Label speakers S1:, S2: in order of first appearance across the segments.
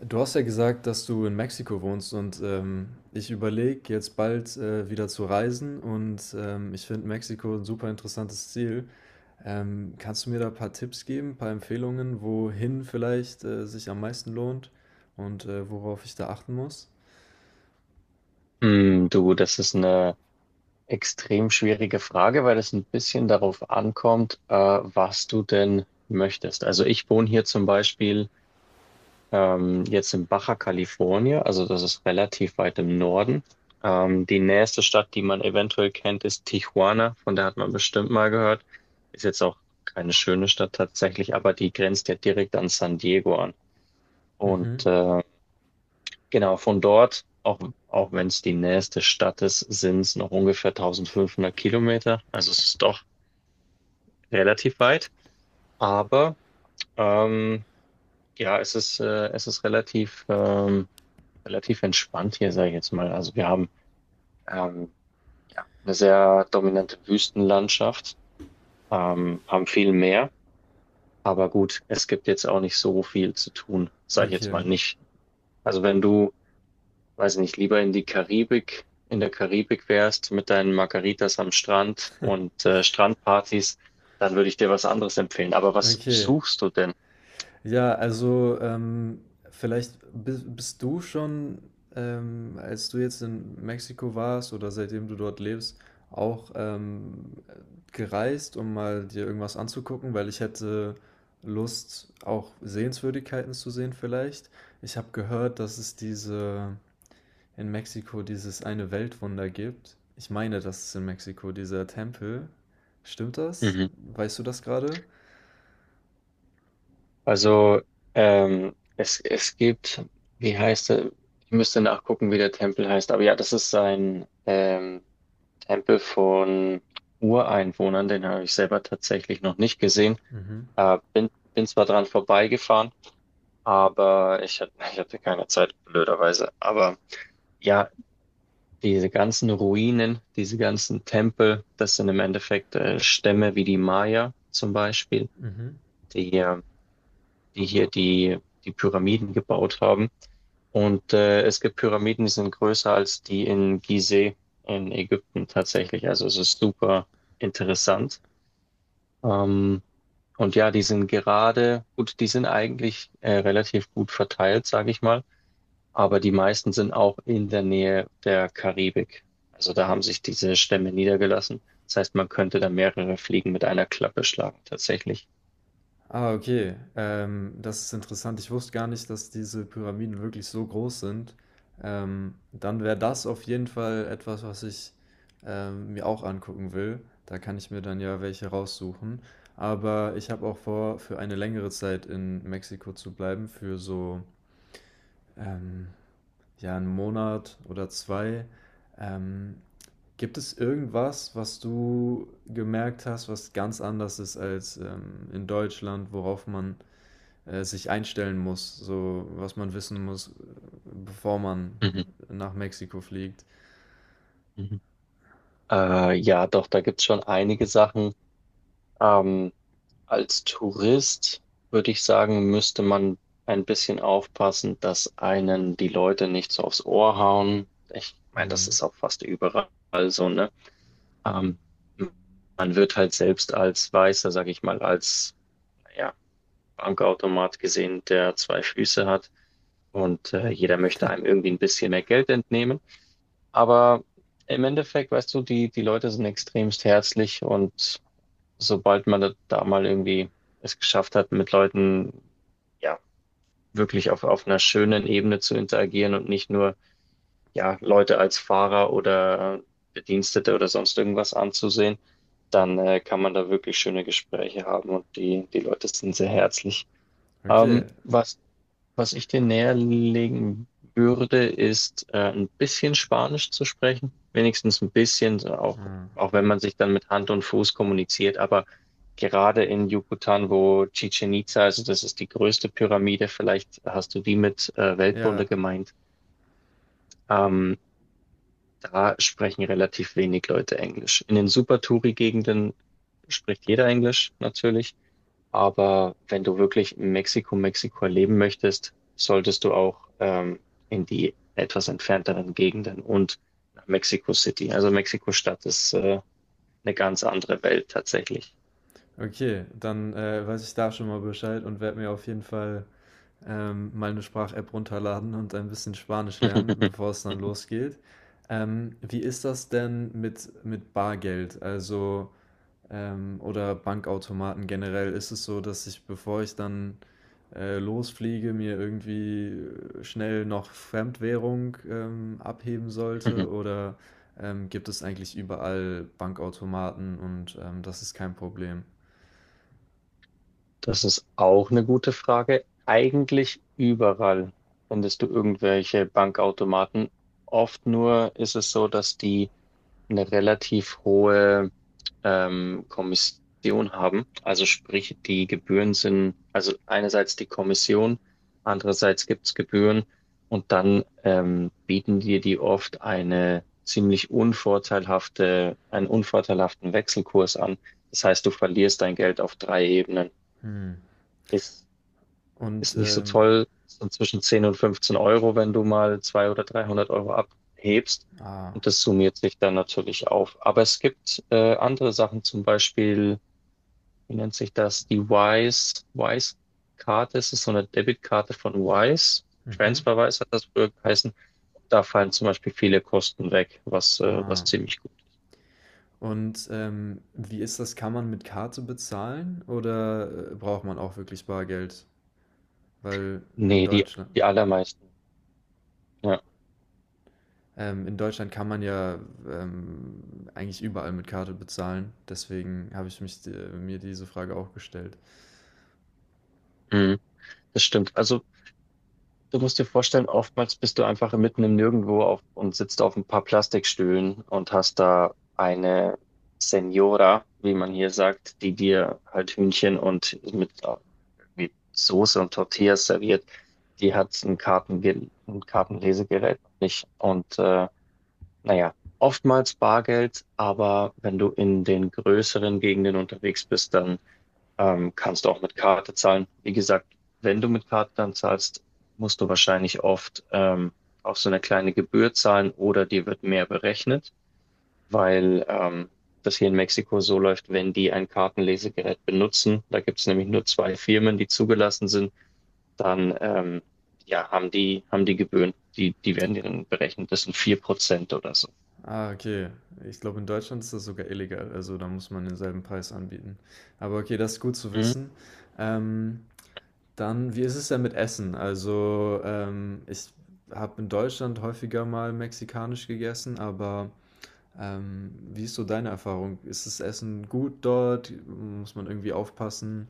S1: Du hast ja gesagt, dass du in Mexiko wohnst, und ich überlege jetzt bald wieder zu reisen, und ich finde Mexiko ein super interessantes Ziel. Kannst du mir da ein paar Tipps geben, ein paar Empfehlungen, wohin vielleicht sich am meisten lohnt und worauf ich da achten muss?
S2: Hm, du, das ist eine extrem schwierige Frage, weil es ein bisschen darauf ankommt, was du denn möchtest. Also ich wohne hier zum Beispiel jetzt in Baja California, also das ist relativ weit im Norden. Die nächste Stadt, die man eventuell kennt, ist Tijuana, von der hat man bestimmt mal gehört. Ist jetzt auch keine schöne Stadt tatsächlich, aber die grenzt ja direkt an San Diego an. Und
S1: Mhm.
S2: äh, Genau, von dort, auch wenn es die nächste Stadt ist, sind es noch ungefähr 1500 Kilometer. Also es ist doch relativ weit. Aber ähm, ja, es ist relativ entspannt hier, sage ich jetzt mal. Also wir haben ähm, ja, eine sehr dominante Wüstenlandschaft, haben viel Meer. Aber gut, es gibt jetzt auch nicht so viel zu tun, sage ich jetzt
S1: Okay,
S2: mal nicht. Also wenn du weiß nicht, lieber in die Karibik, in der Karibik wärst mit deinen Margaritas am Strand und Strandpartys, dann würde ich dir was anderes empfehlen. Aber was
S1: okay.
S2: suchst du denn?
S1: Ja, also vielleicht bist du schon, als du jetzt in Mexiko warst oder seitdem du dort lebst, auch gereist, um mal dir irgendwas anzugucken, weil ich hätte Lust, auch Sehenswürdigkeiten zu sehen vielleicht. Ich habe gehört, dass es diese in Mexiko dieses eine Weltwunder gibt. Ich meine, das ist in Mexiko dieser Tempel. Stimmt das?
S2: Mhm.
S1: Weißt du das gerade?
S2: Also, es gibt, wie heißt er? Ich müsste nachgucken, wie der Tempel heißt. Aber ja, das ist ein Tempel von Ureinwohnern. Den habe ich selber tatsächlich noch nicht gesehen.
S1: Mhm.
S2: Bin zwar dran vorbeigefahren, aber ich hatte keine Zeit, blöderweise. Aber. Ja, diese ganzen Ruinen, diese ganzen Tempel, das sind im Endeffekt Stämme wie die Maya zum Beispiel,
S1: Mhm.
S2: die, äh, die hier die Pyramiden gebaut haben. Es gibt Pyramiden, die sind größer als die in Gizeh in Ägypten tatsächlich. Also es ist super interessant. Ähm, und ja, die sind gerade, gut, die sind eigentlich relativ gut verteilt, sage ich mal. Aber die meisten sind auch in der Nähe der Karibik. Also da haben sich diese Stämme niedergelassen. Das heißt, man könnte da mehrere Fliegen mit einer Klappe schlagen, tatsächlich.
S1: Ah, okay. Das ist interessant. Ich wusste gar nicht, dass diese Pyramiden wirklich so groß sind. Dann wäre das auf jeden Fall etwas, was ich mir auch angucken will. Da kann ich mir dann ja welche raussuchen. Aber ich habe auch vor, für eine längere Zeit in Mexiko zu bleiben, für so ähm, ja einen Monat oder zwei. Ähm, Gibt es irgendwas, was du gemerkt hast, was ganz anders ist als in Deutschland, worauf man sich einstellen muss, so was man wissen muss, bevor man
S2: Mhm.
S1: nach Mexiko fliegt.
S2: Mhm. Ja, doch, da gibt's schon einige Sachen. Ähm, Als Tourist würde ich sagen, müsste man ein bisschen aufpassen, dass einen die Leute nicht so aufs Ohr hauen. Ich meine, das
S1: Hm.
S2: ist auch fast überall so, ne? Ähm, Man wird halt selbst als Weißer, sag ich mal, als naja, Bankautomat gesehen, der zwei Füße hat und jeder möchte einem irgendwie ein bisschen mehr Geld entnehmen. Aber im Endeffekt, weißt du, die Leute sind extremst herzlich und sobald man da mal irgendwie es geschafft hat, mit Leuten ja wirklich auf einer schönen Ebene zu interagieren und nicht nur ja Leute als Fahrer oder Bedienstete oder sonst irgendwas anzusehen, dann kann man da wirklich schöne Gespräche haben und die Leute sind sehr herzlich. Ähm,
S1: Okay.
S2: was was ich dir näher legen würde, ist ein bisschen Spanisch zu sprechen. Wenigstens ein bisschen, so auch,
S1: Ah.
S2: auch wenn man sich dann mit Hand und Fuß kommuniziert. Aber gerade in Yucatan, wo Chichen Itza, also das ist die größte Pyramide, vielleicht hast du die mit
S1: Ja,
S2: Weltwunder gemeint, ähm, da sprechen relativ wenig Leute Englisch. In den Super-Touri-Gegenden spricht jeder Englisch natürlich. Aber wenn du wirklich in Mexiko, Mexiko erleben möchtest, solltest du auch in die etwas entfernteren Gegenden und nach Mexico City. Also Mexiko-Stadt ist eine ganz andere Welt tatsächlich.
S1: okay. Dann weiß ich da schon mal Bescheid und werde mir auf jeden Fall mal eine Sprach-App runterladen und ein bisschen Spanisch lernen, bevor es dann losgeht. Wie ist das denn mit Bargeld, also oder Bankautomaten generell? Ist es so, dass ich, bevor ich dann losfliege, mir irgendwie schnell noch Fremdwährung abheben sollte? Oder gibt es eigentlich überall Bankautomaten und das ist kein Problem?
S2: Das ist auch eine gute Frage. Eigentlich überall findest du irgendwelche Bankautomaten. Oft nur ist es so, dass die eine relativ hohe Kommission haben. Also sprich, die Gebühren sind, also einerseits die Kommission, andererseits gibt's Gebühren und dann bieten dir die oft eine ziemlich unvorteilhafte, einen unvorteilhaften Wechselkurs an. Das heißt, du verlierst dein Geld auf drei Ebenen.
S1: Hm.
S2: Ist ist
S1: Und
S2: nicht so
S1: ähm,
S2: toll. Ist dann zwischen 10 und 15 Euro, wenn du mal 200 oder 300 Euro abhebst.
S1: ah,
S2: Und das summiert sich dann natürlich auf. Aber es gibt andere Sachen, zum Beispiel, wie nennt sich das? Die Wise-Karte. Es ist so eine Debitkarte von Wise.
S1: mhm,
S2: TransferWise hat das früher geheißen. Da fallen zum Beispiel viele Kosten weg, was, was
S1: ah.
S2: ziemlich gut.
S1: Und wie ist das? Kann man mit Karte bezahlen oder braucht man auch wirklich Bargeld? Weil
S2: Nee, die, die allermeisten. Ja,
S1: In Deutschland kann man ja ähm, eigentlich überall mit Karte bezahlen. Deswegen habe ich mich, mir diese Frage auch gestellt.
S2: mhm, das stimmt. Also du musst dir vorstellen, oftmals bist du einfach mitten im Nirgendwo auf und sitzt auf ein paar Plastikstühlen und hast da eine Senora, wie man hier sagt, die dir halt Hühnchen und mit irgendwie Soße und Tortillas serviert. Die hat ein Kartenlesegerät nicht. Und naja, oftmals Bargeld, aber wenn du in den größeren Gegenden unterwegs bist, dann kannst du auch mit Karte zahlen. Wie gesagt, wenn du mit Karte dann zahlst, musst du wahrscheinlich oft auch so eine kleine Gebühr zahlen oder dir wird mehr berechnet, weil das hier in Mexiko so läuft, wenn die ein Kartenlesegerät benutzen, da gibt es nämlich nur zwei Firmen, die zugelassen sind, dann ja, haben die Gebühren, die werden dir dann berechnet. Das sind 4% oder so.
S1: Ah, okay. Ich glaube, in Deutschland ist das sogar illegal. Also da muss man denselben Preis anbieten. Aber okay, das ist gut zu
S2: Mhm.
S1: wissen. Ähm, Dann, wie ist es denn mit Essen? Also ich habe in Deutschland häufiger mal mexikanisch gegessen, aber wie ist so deine Erfahrung? Ist das Essen gut dort? Muss man irgendwie aufpassen,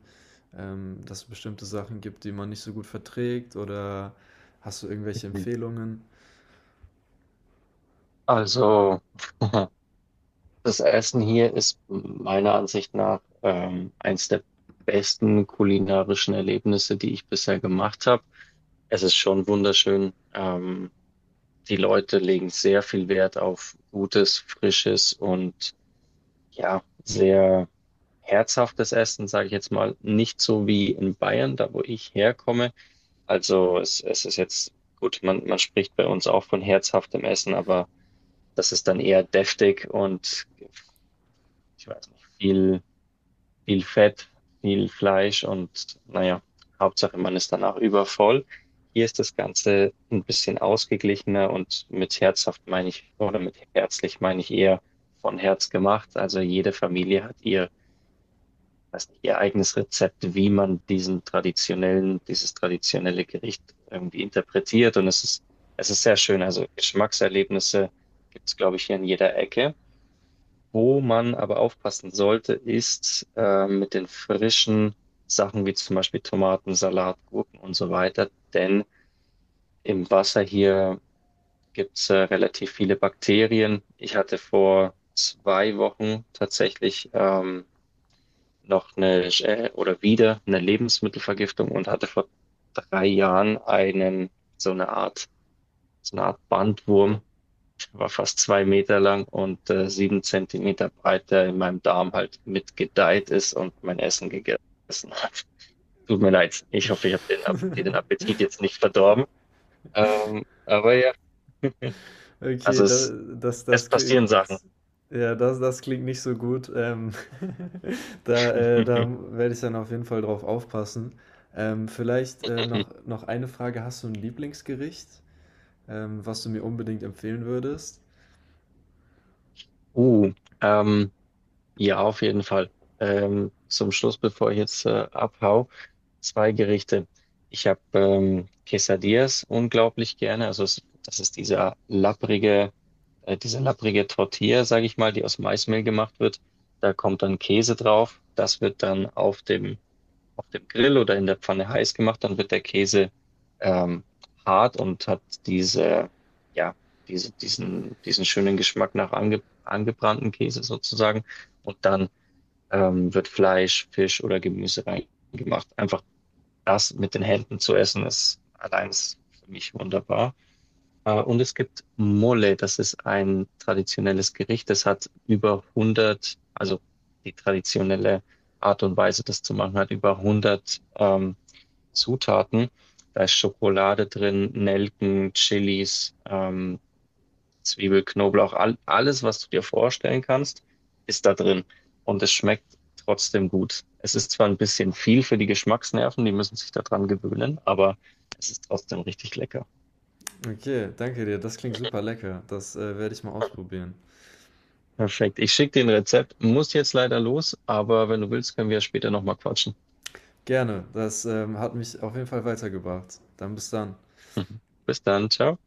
S1: dass es bestimmte Sachen gibt, die man nicht so gut verträgt? Oder hast du irgendwelche Empfehlungen?
S2: Also, das Essen hier ist meiner Ansicht nach eins der besten kulinarischen Erlebnisse, die ich bisher gemacht habe. Es ist schon wunderschön. Die Leute legen sehr viel Wert auf gutes, frisches und ja, sehr herzhaftes Essen, sage ich jetzt mal. Nicht so wie in Bayern, da wo ich herkomme. Also es ist jetzt gut, man spricht bei uns auch von herzhaftem Essen, aber das ist dann eher deftig und ich weiß nicht, viel Fett, viel Fleisch und naja, Hauptsache man ist danach übervoll. Hier ist das Ganze ein bisschen ausgeglichener und mit herzhaft meine ich, oder mit herzlich meine ich eher von Herz gemacht. Also jede Familie hat ihr, weiß nicht, ihr eigenes Rezept, wie man diesen traditionellen, dieses traditionelle Gericht irgendwie interpretiert. Und es ist sehr schön. Also Geschmackserlebnisse gibt es glaube ich, hier in jeder Ecke. Wo man aber aufpassen sollte, ist mit den frischen Sachen wie zum Beispiel Tomaten, Salat, Gurken und so weiter. Denn im Wasser hier gibt's relativ viele Bakterien. Ich hatte vor 2 Wochen tatsächlich noch eine, oder wieder eine Lebensmittelvergiftung und hatte vor 3 Jahren einen so eine Art so eine Art Bandwurm, war fast 2 Meter lang und 7 Zentimeter breit, der in meinem Darm halt mitgedeiht ist und mein Essen gegessen hat. Tut mir leid. Ich hoffe, ich habe dir den Appetit jetzt nicht verdorben. Aber ja, also
S1: Okay, da,
S2: es,
S1: das,
S2: es
S1: das
S2: passieren
S1: klingt,
S2: Sachen.
S1: ja, das, das klingt nicht so gut. Da, da werde ich dann auf jeden Fall drauf aufpassen. Vielleicht noch, noch eine Frage. Hast du ein Lieblingsgericht, was du mir unbedingt empfehlen würdest?
S2: Uh, ähm, ja, auf jeden Fall. Zum Schluss, bevor ich jetzt abhau, zwei Gerichte. Ich habe Quesadillas unglaublich gerne. Also das ist diese lapprige Tortilla, sage ich mal, die aus Maismehl gemacht wird. Da kommt dann Käse drauf. Das wird dann auf dem Grill oder in der Pfanne heiß gemacht. Dann wird der Käse ähm, hart und hat diese, ja, diesen schönen Geschmack nach angebrannten Käse sozusagen. Und dann wird Fleisch, Fisch oder Gemüse reingemacht. Einfach das mit den Händen zu essen ist allein ist für mich wunderbar. Und es gibt Mole, das ist ein traditionelles Gericht. Das hat über 100, also die traditionelle Art und Weise, das zu machen, hat über 100 Zutaten. Da ist Schokolade drin, Nelken, Chilis, Zwiebel, Knoblauch, alles, was du dir vorstellen kannst, ist da drin. Und es schmeckt trotzdem gut. Es ist zwar ein bisschen viel für die Geschmacksnerven, die müssen sich daran gewöhnen, aber es ist trotzdem richtig lecker.
S1: Okay, danke dir. Das klingt super lecker. Das, werde ich mal ausprobieren.
S2: Perfekt. Ich schicke dir ein Rezept, muss jetzt leider los, aber wenn du willst, können wir später nochmal quatschen.
S1: Gerne. Das, hat mich auf jeden Fall weitergebracht. Dann bis dann.
S2: Mhm. Bis dann, ciao.